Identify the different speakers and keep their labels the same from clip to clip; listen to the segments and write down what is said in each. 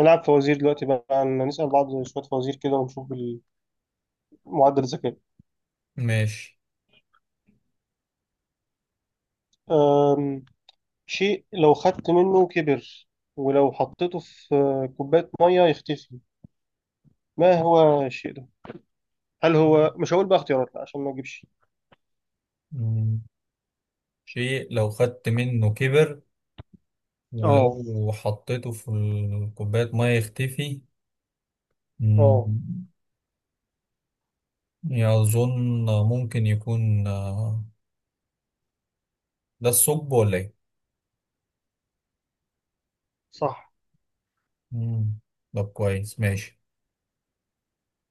Speaker 1: نلعب فوازير دلوقتي بقى نسأل بعض شوية فوازير كده ونشوف معدل الذكاء.
Speaker 2: ماشي.
Speaker 1: أم، شيء لو خدت منه كبر ولو حطيته في كوباية مية يختفي، ما هو الشيء ده؟ هل هو، مش هقول بقى اختيارات لا عشان ما اجيبش.
Speaker 2: مم. شيء لو خدت منه كبر،
Speaker 1: اه.
Speaker 2: ولو حطيته في كوباية مية يختفي.
Speaker 1: اه،
Speaker 2: مم. يظن ممكن يكون ده الثقب ولا ايه؟
Speaker 1: صح.
Speaker 2: مم. طب كويس، ماشي.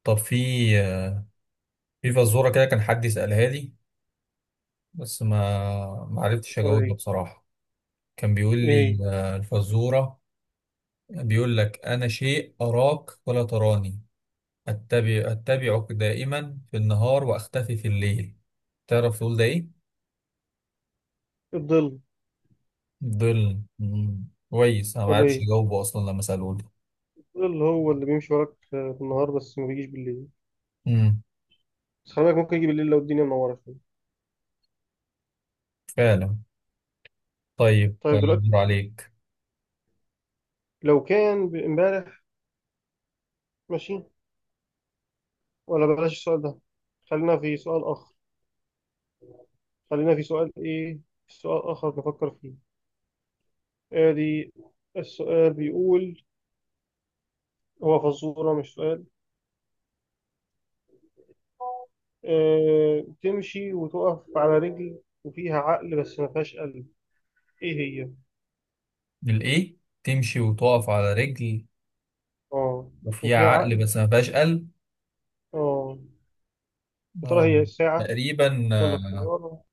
Speaker 2: طب آه، في فزورة كده كان حد يسألها لي، بس ما
Speaker 1: يا
Speaker 2: عرفتش
Speaker 1: ترى
Speaker 2: أجاوبها
Speaker 1: ايه؟
Speaker 2: بصراحة. كان بيقول لي
Speaker 1: ايه،
Speaker 2: الفزورة بيقول لك: أنا شيء أراك ولا تراني، أتبعك دائما في النهار وأختفي في الليل. تعرف تقول ده إيه؟
Speaker 1: الظل
Speaker 2: ظل. مم. كويس، أنا
Speaker 1: ولا
Speaker 2: معرفش
Speaker 1: ايه؟
Speaker 2: أجاوبه أصلا لما سألوه ده.
Speaker 1: الظل هو اللي بيمشي وراك في النهار بس ما بيجيش بالليل.
Speaker 2: مم.
Speaker 1: بس خلي بالك ممكن يجي بالليل لو الدنيا منورة شوية.
Speaker 2: فعلا. طيب
Speaker 1: طيب دلوقتي
Speaker 2: أدور عليك.
Speaker 1: لو كان امبارح، ماشي، ولا بلاش السؤال ده، خلينا في سؤال آخر. خلينا في سؤال إيه، في سؤال آخر نفكر فيه. آدي السؤال بيقول، هو فزورة مش سؤال. آه، تمشي وتقف على رجل وفيها عقل بس ما فيهاش قلب، إيه هي؟
Speaker 2: الإيه؟ تمشي وتقف على رجل
Speaker 1: آه،
Speaker 2: وفيها
Speaker 1: وفيها
Speaker 2: عقل
Speaker 1: عقل.
Speaker 2: بس ما فيهاش قلب.
Speaker 1: آه، يا ترى
Speaker 2: آه.
Speaker 1: هي الساعة
Speaker 2: تقريبا
Speaker 1: ولا الطيارة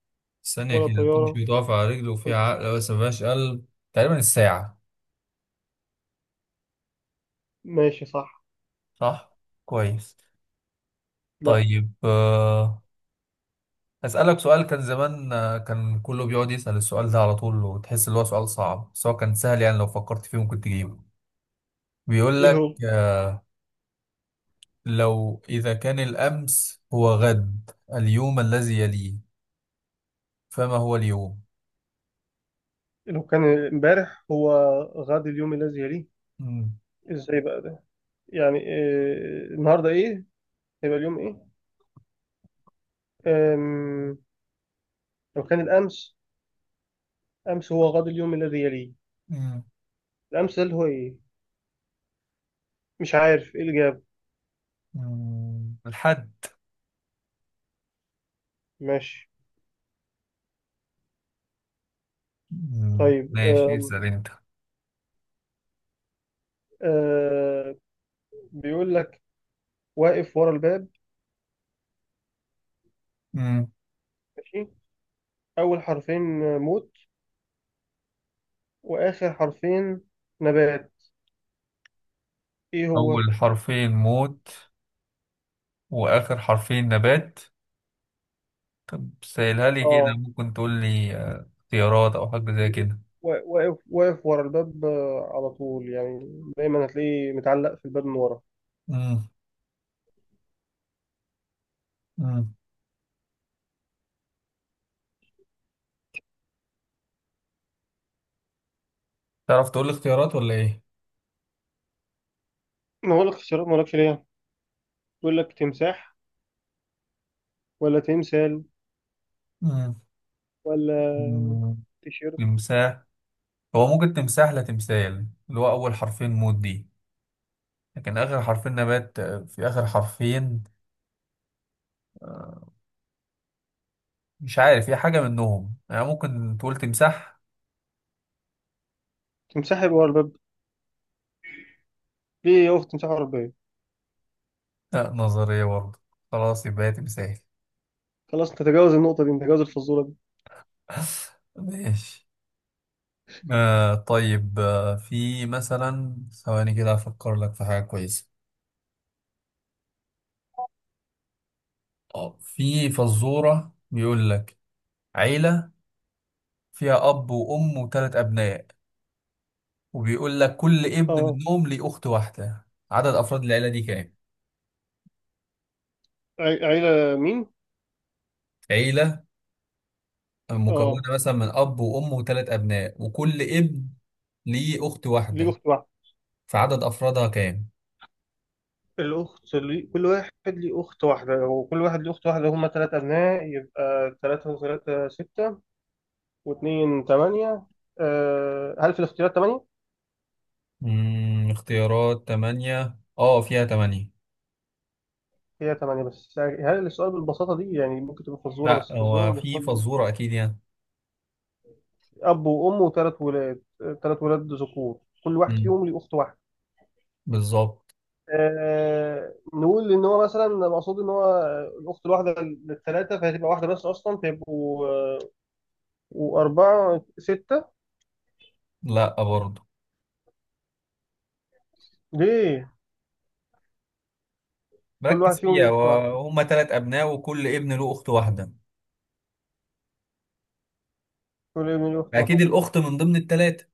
Speaker 2: ثانية
Speaker 1: ولا
Speaker 2: كده،
Speaker 1: طيارة
Speaker 2: تمشي وتقف على رجل
Speaker 1: ولا...
Speaker 2: وفيها عقل بس ما فيهاش قلب. تقريبا الساعة.
Speaker 1: ماشي صح.
Speaker 2: صح؟ كويس.
Speaker 1: لا،
Speaker 2: طيب أسألك سؤال كان زمان كان كله بيقعد يسأل السؤال ده على طول، وتحس إن هو سؤال صعب بس هو كان سهل يعني، لو فكرت فيه ممكن تجيبه. بيقول
Speaker 1: إيه
Speaker 2: لك:
Speaker 1: هو؟
Speaker 2: لو إذا كان الأمس هو غد اليوم الذي يليه، فما هو اليوم؟
Speaker 1: لو كان امبارح هو غد اليوم الذي يليه،
Speaker 2: مم.
Speaker 1: إزاي بقى ده؟ يعني آه، النهاردة إيه؟ هيبقى اليوم إيه؟ آم، لو كان الأمس، أمس هو غد اليوم الذي يليه.
Speaker 2: مم.
Speaker 1: الأمس ده اللي هو إيه، مش عارف إيه اللي جاب.
Speaker 2: مم. الحد.
Speaker 1: ماشي.
Speaker 2: مم.
Speaker 1: طيب
Speaker 2: ماشي، اسأل أنت.
Speaker 1: آه، بيقول لك واقف ورا الباب.
Speaker 2: مم.
Speaker 1: ماشي، أول حرفين موت وآخر حرفين نبات، إيه هو؟
Speaker 2: أول حرفين موت وآخر حرفين نبات. سهلها لي كده،
Speaker 1: آه،
Speaker 2: ممكن تقول لي اختيارات أو حاجة زي
Speaker 1: بي-
Speaker 2: كده.
Speaker 1: وا- واقف ورا الباب، على طول يعني، دايما هتلاقيه متعلق في الباب من ورا.
Speaker 2: مم. مم. تعرف تقول لي اختيارات ولا ايه؟
Speaker 1: ما هو لك اختيارات، ما لكش ليه، بيقول لك تمساح ولا تمثال
Speaker 2: مم.
Speaker 1: ولا
Speaker 2: مم.
Speaker 1: تيشيرت.
Speaker 2: تمساح. هو ممكن تمساح، لا تمثال، اللي هو اول حرفين موت دي، لكن اخر حرفين نبات في اخر حرفين. مش عارف هي حاجه منهم، يعني ممكن تقول تمساح.
Speaker 1: تمساح يبقى ورا الباب؟ ليه يقف تمساح ورا الباب؟
Speaker 2: لا، نظريه برضه. خلاص يبقى هي تمثال.
Speaker 1: خلاص نتجاوز النقطة دي، نتجاوز الفزورة دي.
Speaker 2: ماشي. آه طيب، في مثلا ثواني كده افكر لك في حاجه كويسه. في فزوره بيقول لك: عيله فيها اب وام وثلاث ابناء، وبيقول لك كل ابن
Speaker 1: اه،
Speaker 2: منهم ليه أخت واحدة. عدد أفراد العيلة دي كام؟
Speaker 1: عيلة مين؟
Speaker 2: عيلة مكونة
Speaker 1: اه.
Speaker 2: مثلا من أب وأم وثلاث أبناء، وكل ابن ليه أخت
Speaker 1: ليه
Speaker 2: واحدة.
Speaker 1: أخت واحدة.
Speaker 2: فعدد أفرادها كام؟
Speaker 1: الأخت كل واحد ليه أخت واحدة، هو كل واحد ليه أخت واحدة، هما تلاتة أبناء يبقى تلاتة وتلاتة ستة واتنين تمانية. هل في الاختيارات تمانية؟
Speaker 2: مم، اختيارات تمانية. اه، فيها تمانية.
Speaker 1: هي تمانية، بس هل السؤال بالبساطة دي؟ يعني ممكن تبقى فزورة،
Speaker 2: لا،
Speaker 1: بس فزورة
Speaker 2: هو في
Speaker 1: بالبساطة دي؟
Speaker 2: فزورة أكيد يعني.
Speaker 1: أب وأم وتلات ولاد، تلات ولاد ذكور كل واحد
Speaker 2: مم.
Speaker 1: فيهم ليه أخت واحدة.
Speaker 2: بالظبط.
Speaker 1: نقول ان هو مثلا مقصود ان هو الاخت الواحده للثلاثه، فهتبقى واحده بس اصلا، فيبقوا واربعه سته.
Speaker 2: لا، برضه.
Speaker 1: ليه؟ كل واحد
Speaker 2: ركز
Speaker 1: فيهم ليه
Speaker 2: فيها،
Speaker 1: اخت واحده،
Speaker 2: وهم تلات أبناء وكل ابن له أخت واحدة.
Speaker 1: كل ابن ليه اخت
Speaker 2: أكيد
Speaker 1: واحده.
Speaker 2: الأخت من ضمن التلاتة.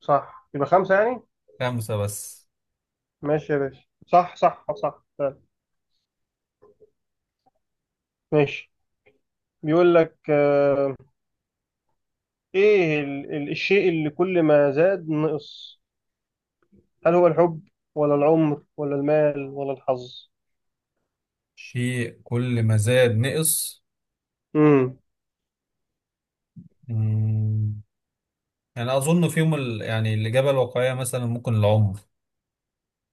Speaker 1: صح، يبقى خمسه يعني.
Speaker 2: خمسة بس.
Speaker 1: ماشي يا باشا، صح صح صح فعلا. ماشي. بيقول لك ايه الشيء اللي كل ما زاد نقص؟ هل هو الحب ولا العمر ولا المال ولا الحظ؟
Speaker 2: شيء كل ما زاد نقص.
Speaker 1: امم.
Speaker 2: مم. يعني اظن فيهم ال... يعني الاجابه الواقعيه مثلا ممكن العمر.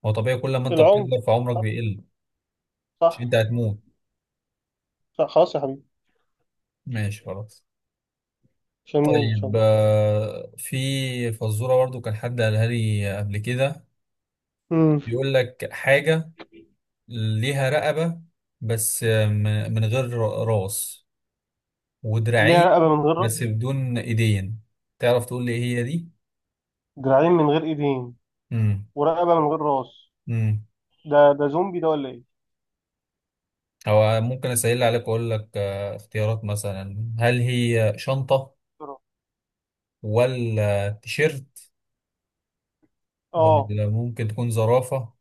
Speaker 2: هو طبيعي، كل ما انت
Speaker 1: العمر.
Speaker 2: بتكبر في عمرك بيقل. مش
Speaker 1: صح.
Speaker 2: انت هتموت.
Speaker 1: صح خلاص يا حبيبي،
Speaker 2: ماشي، خلاص.
Speaker 1: مش هنموت ان شاء
Speaker 2: طيب
Speaker 1: الله.
Speaker 2: في فزوره برضو كان حد قالها لي قبل كده.
Speaker 1: مم.
Speaker 2: بيقول لك حاجه ليها رقبه بس، من غير راس
Speaker 1: ليها
Speaker 2: ودراعين،
Speaker 1: رقبة من غير راس،
Speaker 2: بس بدون ايدين. تعرف تقول لي ايه هي دي؟
Speaker 1: دراعين من غير ايدين ورقبة من غير راس.
Speaker 2: امم
Speaker 1: ده زومبي ده ولا ايه؟
Speaker 2: أو ممكن أسهل عليك وأقول لك اختيارات، مثلا هل هي شنطة ولا تيشيرت
Speaker 1: اه،
Speaker 2: ولا ممكن تكون زرافة؟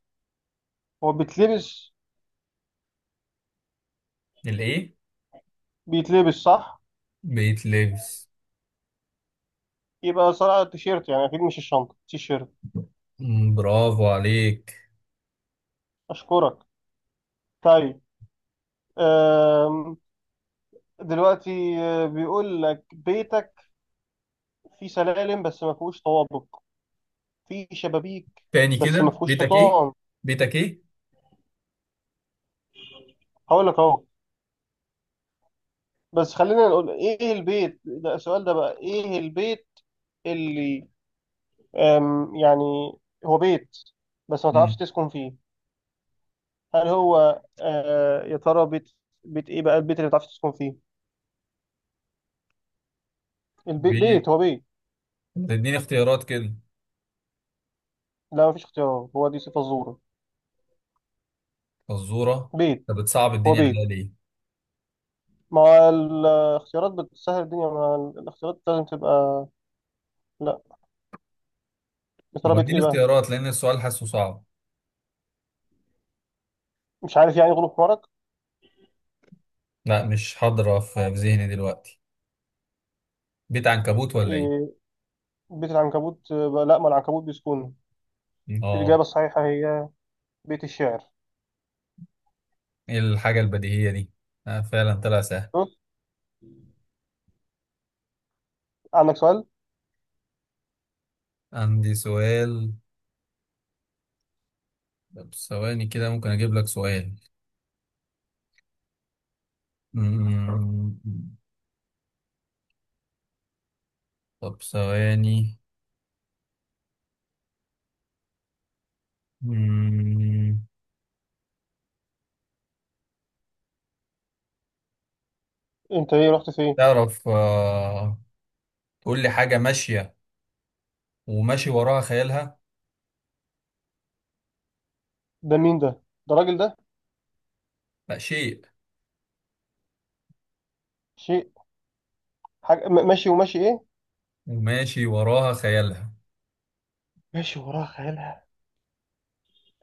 Speaker 1: هو بيتلبس؟
Speaker 2: الإيه؟
Speaker 1: بيتلبس، صح؟
Speaker 2: بيت لبس.
Speaker 1: يبقى صراحة التيشيرت يعني، اكيد مش الشنطة، تيشيرت.
Speaker 2: برافو عليك.
Speaker 1: اشكرك. طيب. أم... دلوقتي بيقول لك بيتك فيه سلالم بس ما فيهوش طوابق، فيه شبابيك
Speaker 2: تاني
Speaker 1: بس ما
Speaker 2: كده،
Speaker 1: فيهوش
Speaker 2: بيتك إيه؟
Speaker 1: حيطان.
Speaker 2: بيتك إيه؟
Speaker 1: هقول لك اهو، بس خلينا نقول ايه البيت ده. السؤال ده بقى، ايه البيت اللي يعني هو بيت بس ما تعرفش
Speaker 2: مم.
Speaker 1: تسكن فيه؟ هل هو يا ترى بيت، بيت ايه بقى البيت اللي ما تعرفش تسكن فيه؟ البيت
Speaker 2: بيت.
Speaker 1: بيت، هو بيت.
Speaker 2: تديني اختيارات كده؟
Speaker 1: لا ما فيش اختيارات، هو دي صفة الزورة.
Speaker 2: فزورة.
Speaker 1: بيت.
Speaker 2: أنت بتصعب
Speaker 1: هو
Speaker 2: الدنيا
Speaker 1: بيت.
Speaker 2: عليا ليه؟
Speaker 1: ما هو الاختيارات بتسهل الدنيا، ما الاختيارات لازم تبقى. لا. يا
Speaker 2: ما
Speaker 1: ترى
Speaker 2: هو
Speaker 1: بيت ايه
Speaker 2: اديني
Speaker 1: بقى؟
Speaker 2: اختيارات لأن السؤال حاسه صعب.
Speaker 1: مش عارف يعني، غلوب حمارك.
Speaker 2: لا، مش حاضرة في ذهني دلوقتي. بيت عنكبوت ولا إيه؟
Speaker 1: إيه، بيت العنكبوت؟ لا، ما العنكبوت بيسكن.
Speaker 2: مم. آه.
Speaker 1: الإجابة الصحيحة هي بيت الشعر.
Speaker 2: إيه الحاجة البديهية دي؟ فعلا طلع سهل.
Speaker 1: شوف، عندك سؤال.
Speaker 2: عندي سؤال. طب ثواني كده، ممكن أجيب لك سؤال. مم. طب ثواني. مم.
Speaker 1: انت ايه، رحت فين؟
Speaker 2: تعرف تقول لي حاجة ماشية وماشي وراها خيالها؟
Speaker 1: ده مين ده؟ ده الراجل ده؟
Speaker 2: لا، شيء.
Speaker 1: شيء. حاجة، ماشي وماشي إيه؟
Speaker 2: وماشي وراها خيالها.
Speaker 1: ماشي وراه خيالها.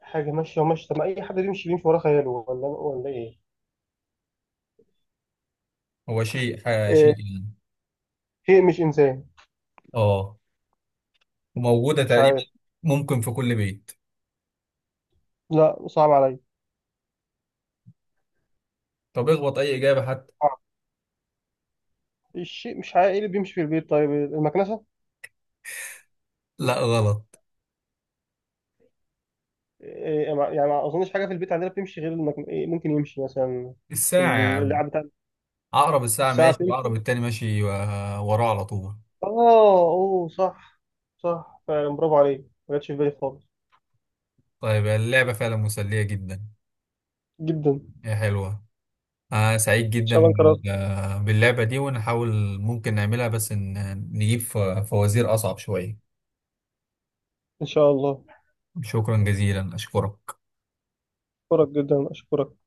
Speaker 1: حاجة ماشية وماشية؟ طب ما أي حد بيمشي، بيمشي وراه خياله، ولا إيه؟
Speaker 2: هو شيء، شيء
Speaker 1: إيه.
Speaker 2: يعني.
Speaker 1: شيء مش إنسان؟
Speaker 2: اه. وموجودة
Speaker 1: مش
Speaker 2: تقريبا،
Speaker 1: عارف.
Speaker 2: ممكن في كل بيت.
Speaker 1: لا صعب عليا.
Speaker 2: طب اخبط أي إجابة حتى.
Speaker 1: صعب. الشيء، مش عارف إيه اللي بيمشي في البيت. طيب المكنسة؟
Speaker 2: لا، غلط.
Speaker 1: إيه، يعني ما أظنش حاجة في البيت عندنا بتمشي غير إيه ممكن يمشي مثلا
Speaker 2: الساعة يا عم.
Speaker 1: اللعب بتاع.
Speaker 2: عقرب الساعة
Speaker 1: الساعة
Speaker 2: ماشي
Speaker 1: بتمشي.
Speaker 2: وعقرب التاني ماشي وراه على طول.
Speaker 1: آه، أوه صح. صح فعلا، برافو عليك. ما جاتش في بالي خالص.
Speaker 2: طيب اللعبة فعلا مسلية جدا.
Speaker 1: جدا. إن
Speaker 2: هي حلوة. أنا سعيد جدا
Speaker 1: شاء الله انقرأت.
Speaker 2: باللعبة دي، ونحاول ممكن نعملها، بس إن نجيب فوازير أصعب شوية.
Speaker 1: إن شاء الله.
Speaker 2: شكرا جزيلا، أشكرك.
Speaker 1: أشكرك جدا، أشكرك.